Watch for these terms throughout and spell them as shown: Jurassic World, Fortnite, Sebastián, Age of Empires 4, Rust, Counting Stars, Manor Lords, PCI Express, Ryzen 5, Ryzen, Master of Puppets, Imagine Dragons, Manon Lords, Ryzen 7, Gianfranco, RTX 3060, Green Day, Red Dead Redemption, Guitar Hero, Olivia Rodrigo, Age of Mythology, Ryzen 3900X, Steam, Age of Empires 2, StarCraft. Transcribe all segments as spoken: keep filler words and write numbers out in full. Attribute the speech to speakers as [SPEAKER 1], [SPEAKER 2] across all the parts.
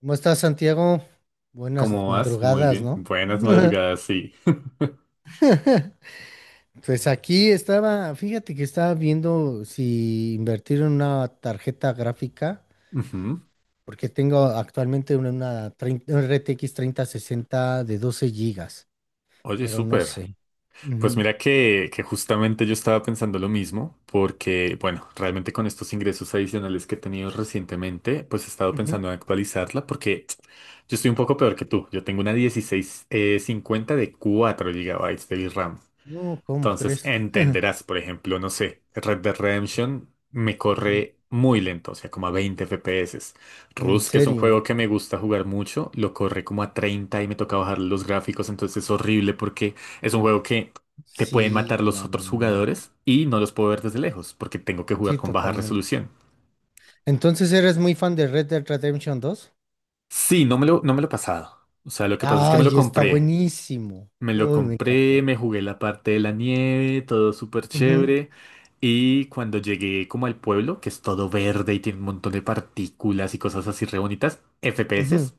[SPEAKER 1] ¿Cómo estás, Santiago? Buenas
[SPEAKER 2] ¿Cómo vas? Muy
[SPEAKER 1] madrugadas,
[SPEAKER 2] bien.
[SPEAKER 1] ¿no?
[SPEAKER 2] Buenas madrugadas, sí.
[SPEAKER 1] Pues aquí estaba, fíjate que estaba viendo si invertir en una tarjeta gráfica,
[SPEAKER 2] Ujú.
[SPEAKER 1] porque tengo actualmente una, una treinta una R T X treinta sesenta de doce gigas,
[SPEAKER 2] Oye,
[SPEAKER 1] pero no
[SPEAKER 2] súper.
[SPEAKER 1] sé.
[SPEAKER 2] Pues
[SPEAKER 1] Ujú,
[SPEAKER 2] mira que, que justamente yo estaba pensando lo mismo, porque, bueno, realmente con estos ingresos adicionales que he tenido recientemente, pues he estado
[SPEAKER 1] ujú.
[SPEAKER 2] pensando en actualizarla, porque yo estoy un poco peor que tú. Yo tengo una dieciséis eh, cincuenta de cuatro gigabytes de RAM.
[SPEAKER 1] No, ¿cómo
[SPEAKER 2] Entonces
[SPEAKER 1] crees?
[SPEAKER 2] entenderás, por ejemplo, no sé, Red Dead Redemption me
[SPEAKER 1] Ujú.
[SPEAKER 2] corre muy lento, o sea, como a veinte F P S.
[SPEAKER 1] ¿En
[SPEAKER 2] Rust, que es un
[SPEAKER 1] serio?
[SPEAKER 2] juego que me gusta jugar mucho, lo corre como a treinta y me toca bajar los gráficos, entonces es horrible porque es un juego que te pueden
[SPEAKER 1] Sí,
[SPEAKER 2] matar los otros
[SPEAKER 1] mano.
[SPEAKER 2] jugadores y no los puedo ver desde lejos porque tengo que jugar
[SPEAKER 1] Sí,
[SPEAKER 2] con baja
[SPEAKER 1] totalmente.
[SPEAKER 2] resolución.
[SPEAKER 1] Entonces, ¿eres muy fan de Red Dead Redemption dos?
[SPEAKER 2] Sí, no me lo, no me lo he pasado. O sea, lo que pasa es que me lo
[SPEAKER 1] Ay, está
[SPEAKER 2] compré.
[SPEAKER 1] buenísimo.
[SPEAKER 2] Me lo
[SPEAKER 1] Uy, me
[SPEAKER 2] compré,
[SPEAKER 1] encantó.
[SPEAKER 2] me jugué la parte de la nieve, todo súper
[SPEAKER 1] Ujú,
[SPEAKER 2] chévere. Y cuando llegué como al pueblo, que es todo verde y tiene un montón de partículas y cosas así re bonitas, F P S
[SPEAKER 1] ujú,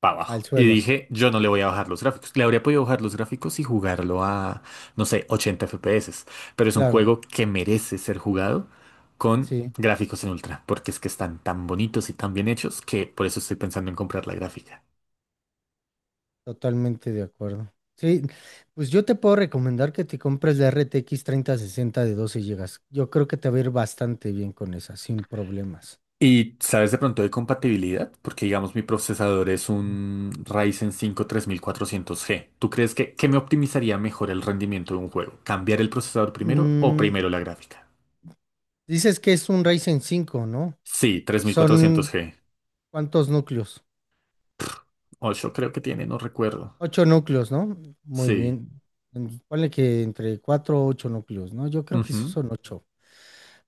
[SPEAKER 2] para
[SPEAKER 1] al
[SPEAKER 2] abajo. Y
[SPEAKER 1] suelo,
[SPEAKER 2] dije, yo no le voy a bajar los gráficos. Le habría podido bajar los gráficos y jugarlo a, no sé, ochenta F P S. Pero es un
[SPEAKER 1] claro.
[SPEAKER 2] juego que merece ser jugado con
[SPEAKER 1] Sí,
[SPEAKER 2] gráficos en ultra, porque es que están tan bonitos y tan bien hechos que por eso estoy pensando en comprar la gráfica.
[SPEAKER 1] totalmente de acuerdo. Sí, pues yo te puedo recomendar que te compres la R T X sesenta de doce gigabytes. Yo creo que te va a ir bastante bien con esa, sin problemas.
[SPEAKER 2] ¿Y sabes de pronto de compatibilidad? Porque digamos mi procesador es un Ryzen cinco tres mil cuatrocientos g. ¿Tú crees que qué me optimizaría mejor el rendimiento de un juego? ¿Cambiar el procesador primero o
[SPEAKER 1] Mm,
[SPEAKER 2] primero la gráfica?
[SPEAKER 1] dices que es un Ryzen cinco, ¿no?
[SPEAKER 2] Sí, tres mil cuatrocientos
[SPEAKER 1] Son
[SPEAKER 2] g.
[SPEAKER 1] ¿cuántos núcleos?
[SPEAKER 2] ocho creo que tiene, no recuerdo.
[SPEAKER 1] Ocho núcleos, ¿no? Muy
[SPEAKER 2] Sí.
[SPEAKER 1] bien. En- Ponle que entre cuatro o ocho núcleos, ¿no? Yo creo que esos
[SPEAKER 2] Ujú.
[SPEAKER 1] son ocho.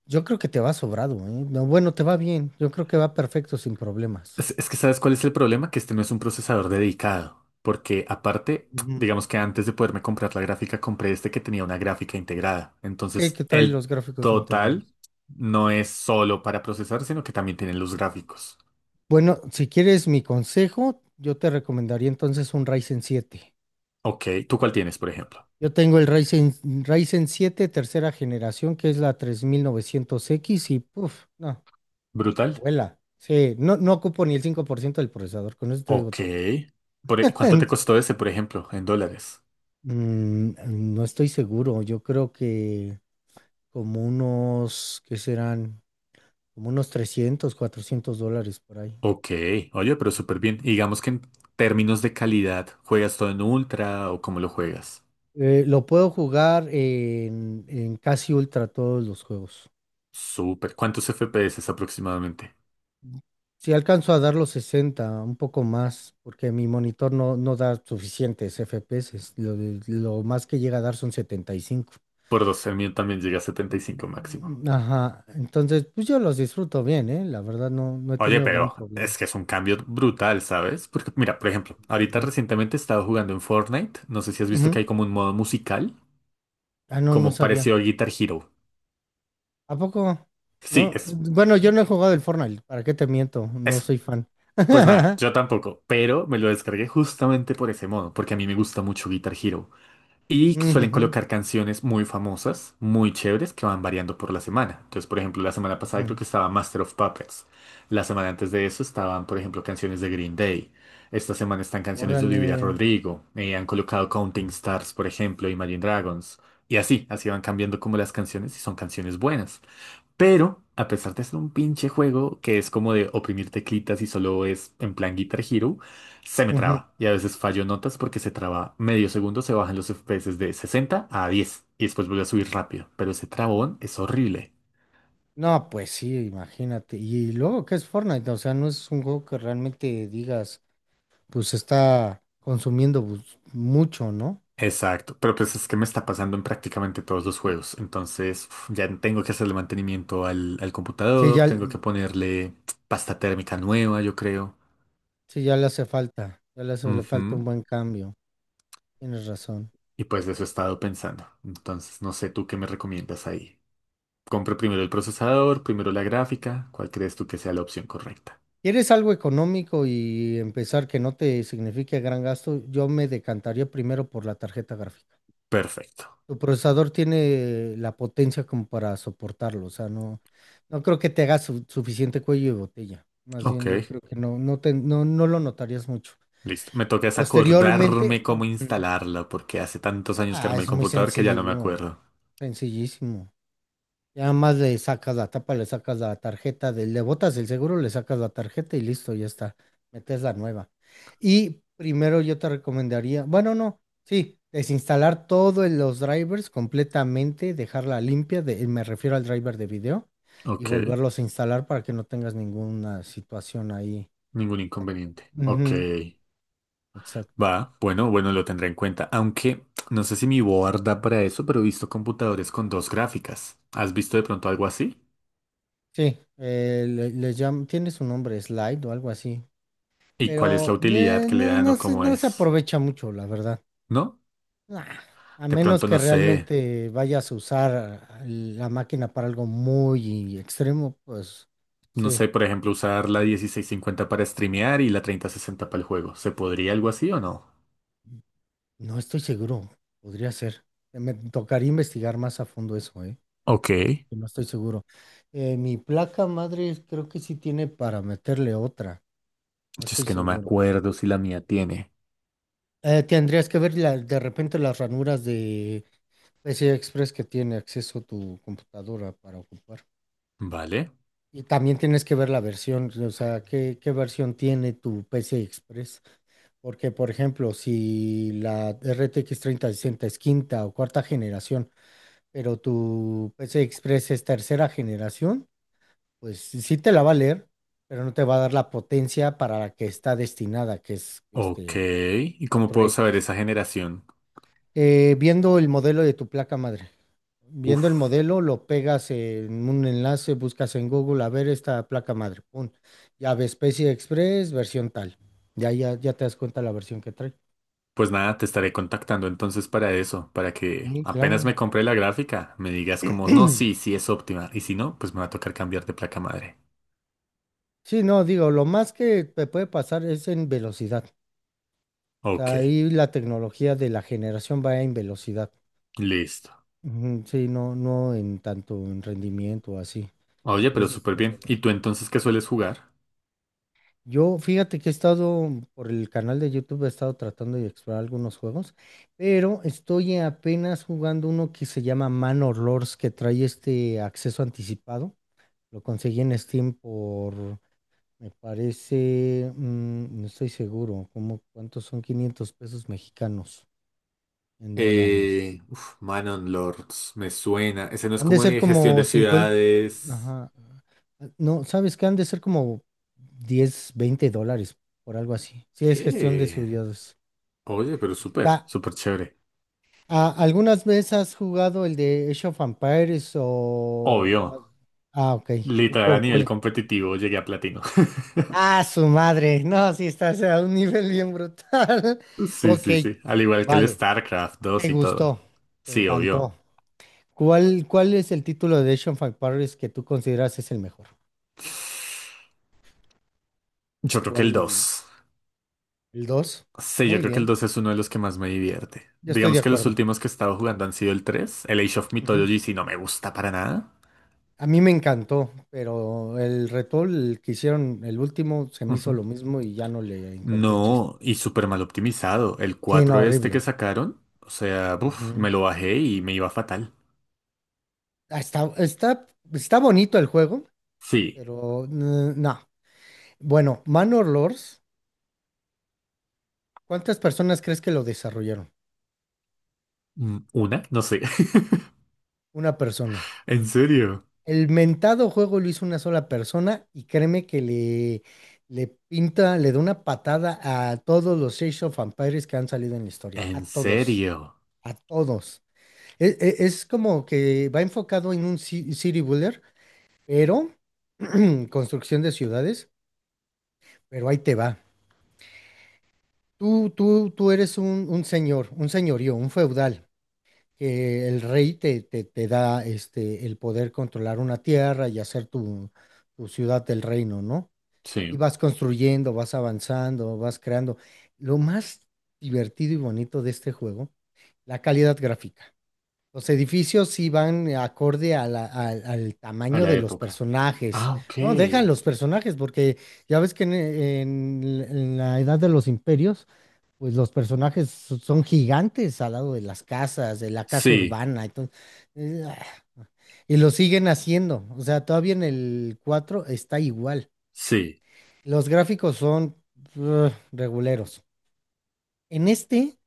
[SPEAKER 1] Yo creo que te va sobrado, ¿eh? No, bueno, te va bien. Yo creo que va perfecto sin problemas.
[SPEAKER 2] Es, es que, ¿sabes cuál es el problema? Que este no es un procesador dedicado. Porque aparte,
[SPEAKER 1] Ujú.
[SPEAKER 2] digamos que antes de poderme comprar la gráfica, compré este que tenía una gráfica integrada.
[SPEAKER 1] Sí,
[SPEAKER 2] Entonces,
[SPEAKER 1] que trae
[SPEAKER 2] el
[SPEAKER 1] los gráficos
[SPEAKER 2] total
[SPEAKER 1] integrados.
[SPEAKER 2] no es solo para procesar, sino que también tienen los gráficos.
[SPEAKER 1] Bueno, si quieres mi consejo, yo te recomendaría entonces un Ryzen siete.
[SPEAKER 2] Ok, ¿tú cuál tienes, por ejemplo?
[SPEAKER 1] Yo tengo el Ryzen, Ryzen siete tercera generación, que es la tres mil novecientos x y puff, no,
[SPEAKER 2] ¿Brutal?
[SPEAKER 1] vuela. Sí, no, no ocupo ni el cinco por ciento del procesador, con eso te digo
[SPEAKER 2] Ok.
[SPEAKER 1] todo.
[SPEAKER 2] Por e- ¿cuánto te costó ese, por ejemplo, en dólares?
[SPEAKER 1] Mm, no estoy seguro, yo creo que como unos, ¿qué serán? Como unos trescientos, cuatrocientos dólares por ahí.
[SPEAKER 2] Ok, oye, pero súper bien. Y digamos que en términos de calidad, ¿juegas todo en ultra o cómo lo juegas?
[SPEAKER 1] Eh, lo puedo jugar en, en, casi ultra todos los juegos.
[SPEAKER 2] Súper. ¿Cuántos F P S aproximadamente?
[SPEAKER 1] Si alcanzo a dar los sesenta, un poco más, porque mi monitor no, no da suficientes F P S. Lo, de- lo más que llega a dar son setenta y cinco.
[SPEAKER 2] Por doce mil también llega a setenta y cinco máximo.
[SPEAKER 1] Mm, ajá, entonces pues yo los disfruto bien, ¿eh? La verdad no, no he
[SPEAKER 2] Oye,
[SPEAKER 1] tenido gran
[SPEAKER 2] pero
[SPEAKER 1] problema.
[SPEAKER 2] es que es un cambio brutal, ¿sabes? Porque mira, por ejemplo, ahorita
[SPEAKER 1] Ujú.
[SPEAKER 2] recientemente he estado jugando en Fortnite. No sé si has visto que
[SPEAKER 1] Ujú.
[SPEAKER 2] hay como un modo musical,
[SPEAKER 1] Ah, no, no
[SPEAKER 2] como
[SPEAKER 1] sabía.
[SPEAKER 2] parecido a Guitar Hero.
[SPEAKER 1] ¿A poco?
[SPEAKER 2] Sí,
[SPEAKER 1] No,
[SPEAKER 2] es
[SPEAKER 1] bueno, yo no he jugado el Fortnite, ¿para qué te miento? No
[SPEAKER 2] eso.
[SPEAKER 1] soy fan.
[SPEAKER 2] Pues nada, yo tampoco, pero me lo descargué justamente por ese modo, porque a mí me gusta mucho Guitar Hero. Y suelen
[SPEAKER 1] Ujujú,
[SPEAKER 2] colocar canciones muy famosas, muy chéveres, que van variando por la semana. Entonces, por ejemplo, la semana pasada creo
[SPEAKER 1] ujú.
[SPEAKER 2] que estaba Master of Puppets. La semana antes de eso estaban, por ejemplo, canciones de Green Day. Esta semana están canciones de Olivia
[SPEAKER 1] Órale.
[SPEAKER 2] Rodrigo. Eh, han colocado Counting Stars, por ejemplo, Imagine Dragons. Y así, así van cambiando como las canciones y son canciones buenas. Pero, a pesar de ser un pinche juego que es como de oprimir teclitas y solo es en plan Guitar Hero, se me
[SPEAKER 1] Ujú.
[SPEAKER 2] traba. Y a veces fallo notas porque se traba medio segundo, se bajan los F P S de sesenta a diez y después vuelve a subir rápido. Pero ese trabón es horrible.
[SPEAKER 1] No, pues sí, imagínate. Y luego, ¿qué es Fortnite? O sea, no es un juego que realmente digas, pues está consumiendo pues, mucho, ¿no?
[SPEAKER 2] Exacto, pero pues es que me está pasando en prácticamente todos los juegos. Entonces, uf, ya tengo que hacerle mantenimiento al, al
[SPEAKER 1] Sí,
[SPEAKER 2] computador,
[SPEAKER 1] ya,
[SPEAKER 2] tengo que ponerle pasta térmica nueva, yo creo.
[SPEAKER 1] sí, ya le hace falta. Ya le hace le falta un
[SPEAKER 2] Ujú.
[SPEAKER 1] buen cambio. Tienes razón.
[SPEAKER 2] Y pues de eso he estado pensando. Entonces, no sé, ¿tú qué me recomiendas ahí? Compro primero el procesador, primero la gráfica. ¿Cuál crees tú que sea la opción correcta?
[SPEAKER 1] ¿Quieres algo económico y empezar que no te signifique gran gasto? Yo me decantaría primero por la tarjeta gráfica.
[SPEAKER 2] Perfecto.
[SPEAKER 1] Tu procesador tiene la potencia como para soportarlo, o sea, no, no creo que te haga su- suficiente cuello de botella. Más bien yo
[SPEAKER 2] Ok,
[SPEAKER 1] creo que no, no te, no, no lo notarías mucho.
[SPEAKER 2] listo. Me toca es
[SPEAKER 1] Posteriormente.
[SPEAKER 2] acordarme cómo
[SPEAKER 1] Ujú.
[SPEAKER 2] instalarla, porque hace tantos años que
[SPEAKER 1] Ah,
[SPEAKER 2] armé el
[SPEAKER 1] es muy
[SPEAKER 2] computador que ya no me
[SPEAKER 1] sencillo,
[SPEAKER 2] acuerdo.
[SPEAKER 1] sencillísimo. Ya más le sacas la tapa, le sacas la tarjeta, de- le botas el seguro, le sacas la tarjeta y listo, ya está. Metes la nueva. Y primero yo te recomendaría, bueno, no, sí, desinstalar todos los drivers completamente, dejarla limpia, de- me refiero al driver de video, y
[SPEAKER 2] Ok,
[SPEAKER 1] volverlos a instalar para que no tengas ninguna situación ahí.
[SPEAKER 2] ningún inconveniente. Ok,
[SPEAKER 1] Ujú, exacto.
[SPEAKER 2] va. Bueno, bueno, lo tendré en cuenta. Aunque no sé si mi board da para eso, pero he visto computadores con dos gráficas. ¿Has visto de pronto algo así?
[SPEAKER 1] Sí, eh, le, le llam- tiene su nombre, Slide o algo así,
[SPEAKER 2] ¿Y cuál es la
[SPEAKER 1] pero
[SPEAKER 2] utilidad
[SPEAKER 1] eh,
[SPEAKER 2] que le
[SPEAKER 1] no,
[SPEAKER 2] dan
[SPEAKER 1] no
[SPEAKER 2] o
[SPEAKER 1] se,
[SPEAKER 2] cómo
[SPEAKER 1] no se
[SPEAKER 2] es?
[SPEAKER 1] aprovecha mucho, la verdad.
[SPEAKER 2] ¿No?
[SPEAKER 1] Nah, a
[SPEAKER 2] De
[SPEAKER 1] menos
[SPEAKER 2] pronto no
[SPEAKER 1] que
[SPEAKER 2] sé.
[SPEAKER 1] realmente vayas a usar la máquina para algo muy extremo, pues
[SPEAKER 2] No sé,
[SPEAKER 1] sí,
[SPEAKER 2] por ejemplo, usar la mil seiscientos cincuenta para streamear y la treinta sesenta para el juego. ¿Se podría algo así o no?
[SPEAKER 1] no estoy seguro, podría ser. Me tocaría investigar más a fondo eso, ¿eh?
[SPEAKER 2] Ok. Yo
[SPEAKER 1] Que No estoy seguro. Eh, mi placa madre creo que sí tiene para meterle otra, no
[SPEAKER 2] Es
[SPEAKER 1] estoy
[SPEAKER 2] que no me
[SPEAKER 1] seguro.
[SPEAKER 2] acuerdo si la mía tiene.
[SPEAKER 1] Eh, tendrías que ver la- de repente las ranuras de P C I Express que tiene acceso tu computadora para ocupar.
[SPEAKER 2] Vale.
[SPEAKER 1] Y también tienes que ver la versión, o sea, qué, qué versión tiene tu P C I Express. Porque, por ejemplo, si la R T X sesenta es quinta o cuarta generación, pero tu P C I Express es tercera generación, pues sí sí te la va a leer, pero no te va a dar la potencia para la que está destinada, que es
[SPEAKER 2] Ok.
[SPEAKER 1] este
[SPEAKER 2] ¿Y cómo
[SPEAKER 1] cuatro
[SPEAKER 2] puedo saber
[SPEAKER 1] x.
[SPEAKER 2] esa generación?
[SPEAKER 1] eh, viendo el modelo de tu placa madre. Viendo el
[SPEAKER 2] Uf.
[SPEAKER 1] modelo, lo pegas en un enlace, buscas en Google, a ver esta placa madre. Pum. Ya ves Specie Express, versión tal. Ya, ya, ya te das cuenta la versión que trae.
[SPEAKER 2] Pues nada, te estaré contactando entonces para eso, para que
[SPEAKER 1] Sí,
[SPEAKER 2] apenas me
[SPEAKER 1] claro.
[SPEAKER 2] compre la gráfica, me digas como, no, sí, sí es óptima. Y si no, pues me va a tocar cambiar de placa madre.
[SPEAKER 1] Sí, no, digo, lo más que te puede pasar es en velocidad. O
[SPEAKER 2] Ok.
[SPEAKER 1] sea, ahí la tecnología de la generación va en velocidad.
[SPEAKER 2] Listo.
[SPEAKER 1] Ujú, sí, no, no en tanto en rendimiento o así.
[SPEAKER 2] Oye, pero
[SPEAKER 1] Esa es
[SPEAKER 2] súper
[SPEAKER 1] la
[SPEAKER 2] bien. ¿Y tú
[SPEAKER 1] velocidad.
[SPEAKER 2] entonces qué sueles jugar?
[SPEAKER 1] Yo, fíjate que he estado por el canal de YouTube, he estado tratando de explorar algunos juegos, pero estoy apenas jugando uno que se llama Manor Lords, que trae este acceso anticipado. Lo conseguí en Steam por, me parece, mm, no estoy seguro, como cuántos son quinientos pesos mexicanos en
[SPEAKER 2] Eh,
[SPEAKER 1] dólares.
[SPEAKER 2] uf, Manon Lords, me suena. Ese no es
[SPEAKER 1] Han de
[SPEAKER 2] como
[SPEAKER 1] ser
[SPEAKER 2] de gestión de
[SPEAKER 1] como cincuenta,
[SPEAKER 2] ciudades.
[SPEAKER 1] ajá, no, ¿sabes qué? Han de ser como diez, veinte dólares, por algo así. Sí, es gestión de
[SPEAKER 2] Eh,
[SPEAKER 1] estudios.
[SPEAKER 2] oye, pero súper,
[SPEAKER 1] Ta-
[SPEAKER 2] súper chévere.
[SPEAKER 1] a- ¿Algunas veces has jugado el de Age of Empires o?
[SPEAKER 2] Obvio,
[SPEAKER 1] Ah, ok.
[SPEAKER 2] literal a
[SPEAKER 1] Cu-
[SPEAKER 2] nivel
[SPEAKER 1] cu-
[SPEAKER 2] competitivo llegué a platino.
[SPEAKER 1] Ah, su madre. No, sí, estás a un nivel bien brutal.
[SPEAKER 2] Sí,
[SPEAKER 1] Ok,
[SPEAKER 2] sí, sí. Al igual que el
[SPEAKER 1] vale.
[SPEAKER 2] StarCraft dos
[SPEAKER 1] Te
[SPEAKER 2] y todo.
[SPEAKER 1] gustó. Te
[SPEAKER 2] Sí, obvio.
[SPEAKER 1] encantó. ¿Cuál, cuál es el título de Age of Empires que tú consideras es el mejor?
[SPEAKER 2] Yo creo que el
[SPEAKER 1] ¿Cuál?
[SPEAKER 2] dos.
[SPEAKER 1] ¿El dos?
[SPEAKER 2] Sí, yo
[SPEAKER 1] Muy
[SPEAKER 2] creo que el
[SPEAKER 1] bien.
[SPEAKER 2] dos es uno de los que más me divierte.
[SPEAKER 1] Yo estoy de
[SPEAKER 2] Digamos que los
[SPEAKER 1] acuerdo.
[SPEAKER 2] últimos que he estado jugando han sido el tres. El Age of
[SPEAKER 1] Ujú.
[SPEAKER 2] Mythology sí no me gusta para nada.
[SPEAKER 1] A mí me encantó, pero el retool que hicieron, el último, se me hizo lo mismo y ya no le encontré chiste.
[SPEAKER 2] No, y súper mal optimizado. El
[SPEAKER 1] Sí,
[SPEAKER 2] cuatro
[SPEAKER 1] no,
[SPEAKER 2] este que
[SPEAKER 1] horrible.
[SPEAKER 2] sacaron, o sea, uf, me
[SPEAKER 1] Ujú.
[SPEAKER 2] lo bajé y me iba fatal.
[SPEAKER 1] Ah, Está, está, está bonito el juego,
[SPEAKER 2] Sí,
[SPEAKER 1] pero mm, no. Bueno, Manor Lords, ¿cuántas personas crees que lo desarrollaron?
[SPEAKER 2] mm, una, no sé.
[SPEAKER 1] Una persona.
[SPEAKER 2] ¿En serio?
[SPEAKER 1] El mentado juego lo hizo una sola persona y créeme que le, le pinta, le da una patada a todos los Age of Empires que han salido en la historia. A
[SPEAKER 2] ¿En
[SPEAKER 1] todos,
[SPEAKER 2] serio?
[SPEAKER 1] a todos. E- e- Es, como que va enfocado en un ci- city builder, pero construcción de ciudades, pero ahí te va. Tú, tú, tú eres un, un señor, un señorío, un feudal, que el rey te, te, te da este, el poder controlar una tierra y hacer tu, tu ciudad del reino, ¿no? Y
[SPEAKER 2] Sí,
[SPEAKER 1] vas construyendo, vas avanzando, vas creando. Lo más divertido y bonito de este juego, la calidad gráfica. Los edificios sí van acorde a la- al al
[SPEAKER 2] a
[SPEAKER 1] tamaño
[SPEAKER 2] la
[SPEAKER 1] de los
[SPEAKER 2] época.
[SPEAKER 1] personajes.
[SPEAKER 2] Ah,
[SPEAKER 1] No, dejan
[SPEAKER 2] ok.
[SPEAKER 1] los personajes, porque ya ves que en, en en la edad de los imperios, pues los personajes so- son gigantes al lado de las casas, de la casa
[SPEAKER 2] Sí,
[SPEAKER 1] urbana, entonces, eh, ah, y lo siguen haciendo, o sea, todavía en el cuatro está igual.
[SPEAKER 2] sí.
[SPEAKER 1] Los gráficos son uh, reguleros. En este,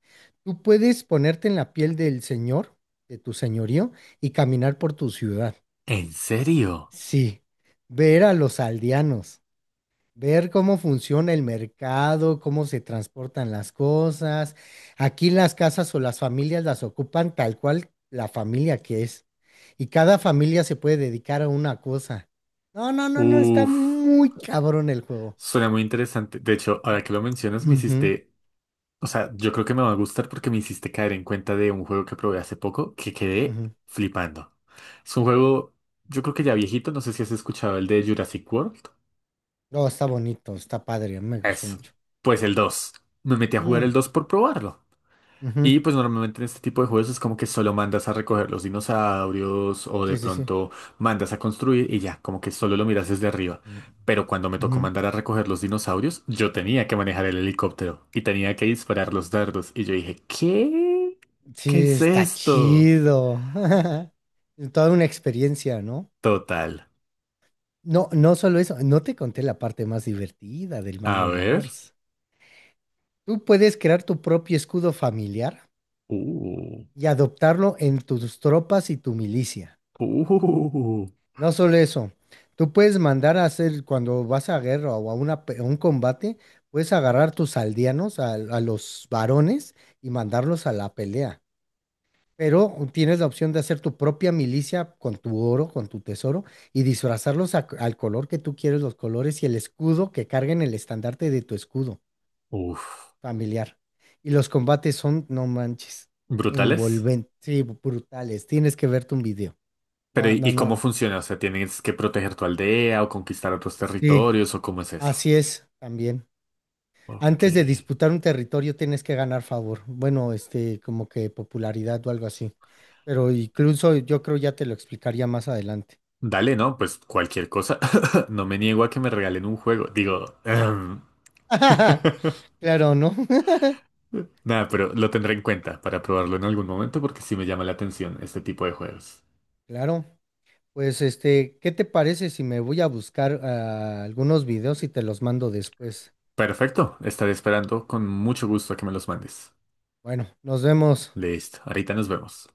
[SPEAKER 1] tú puedes ponerte en la piel del señor, de tu señorío, y caminar por tu ciudad.
[SPEAKER 2] ¿En serio?
[SPEAKER 1] Sí, ver a los aldeanos. Ver cómo funciona el mercado, cómo se transportan las cosas. Aquí las casas o las familias las ocupan tal cual la familia que es. Y cada familia se puede dedicar a una cosa. No, no, no, no, está
[SPEAKER 2] Uf,
[SPEAKER 1] muy cabrón el juego.
[SPEAKER 2] suena muy interesante. De hecho, ahora que lo mencionas, me
[SPEAKER 1] Ujú,
[SPEAKER 2] hiciste. O sea, yo creo que me va a gustar porque me hiciste caer en cuenta de un juego que probé hace poco que quedé
[SPEAKER 1] ujú.
[SPEAKER 2] flipando. Es un juego, yo creo que ya viejito, no sé si has escuchado el de Jurassic World.
[SPEAKER 1] No, está bonito, está padre, a mí me gustó
[SPEAKER 2] Eso.
[SPEAKER 1] mucho.
[SPEAKER 2] Pues el dos. Me metí a jugar el
[SPEAKER 1] Mm,
[SPEAKER 2] dos por probarlo.
[SPEAKER 1] ujú.
[SPEAKER 2] Y pues normalmente en este tipo de juegos es como que solo mandas a recoger los dinosaurios o de
[SPEAKER 1] Sí, sí, sí.
[SPEAKER 2] pronto mandas a construir y ya, como que solo lo miras desde arriba.
[SPEAKER 1] Mm,
[SPEAKER 2] Pero cuando me tocó
[SPEAKER 1] ujú.
[SPEAKER 2] mandar a recoger los dinosaurios, yo tenía que manejar el helicóptero y tenía que disparar los dardos. Y yo dije, ¿qué? ¿Qué
[SPEAKER 1] Sí,
[SPEAKER 2] es
[SPEAKER 1] está
[SPEAKER 2] esto?
[SPEAKER 1] chido. Toda una experiencia, ¿no?
[SPEAKER 2] Total.
[SPEAKER 1] No, no solo eso, no te conté la parte más divertida del mal
[SPEAKER 2] A
[SPEAKER 1] olor.
[SPEAKER 2] ver.
[SPEAKER 1] Tú puedes crear tu propio escudo familiar
[SPEAKER 2] Uh,
[SPEAKER 1] y adoptarlo en tus tropas y tu milicia.
[SPEAKER 2] uh,
[SPEAKER 1] No solo eso, tú puedes mandar a hacer, cuando vas a guerra o a, una pe- a un combate, puedes agarrar tus aldeanos, a, a los varones, y mandarlos a la pelea. Pero tienes la opción de hacer tu propia milicia con tu oro, con tu tesoro, y disfrazarlos a- al color que tú quieres, los colores y el escudo que carguen el estandarte de tu escudo
[SPEAKER 2] uf.
[SPEAKER 1] familiar. Y los combates son, no manches,
[SPEAKER 2] Brutales.
[SPEAKER 1] envolventes, sí, brutales. Tienes que verte un video.
[SPEAKER 2] Pero
[SPEAKER 1] No,
[SPEAKER 2] ¿y,
[SPEAKER 1] no,
[SPEAKER 2] y cómo
[SPEAKER 1] no.
[SPEAKER 2] funciona? O sea, ¿tienes que proteger tu aldea o conquistar otros
[SPEAKER 1] Sí,
[SPEAKER 2] territorios o cómo es eso?
[SPEAKER 1] así es también.
[SPEAKER 2] Ok.
[SPEAKER 1] Antes de disputar un territorio tienes que ganar favor. Bueno, este, como que popularidad o algo así. Pero incluso yo creo ya te lo explicaría más adelante.
[SPEAKER 2] Dale, no, pues cualquier cosa. No me niego a que me regalen un juego. Digo, em,
[SPEAKER 1] Claro, ¿no?
[SPEAKER 2] nada, pero lo tendré en cuenta para probarlo en algún momento porque sí me llama la atención este tipo de juegos.
[SPEAKER 1] Claro. Pues este, ¿qué te parece si me voy a buscar ah, algunos videos y te los mando después?
[SPEAKER 2] Perfecto, estaré esperando con mucho gusto a que me los mandes.
[SPEAKER 1] Bueno, nos vemos.
[SPEAKER 2] Listo, ahorita nos vemos.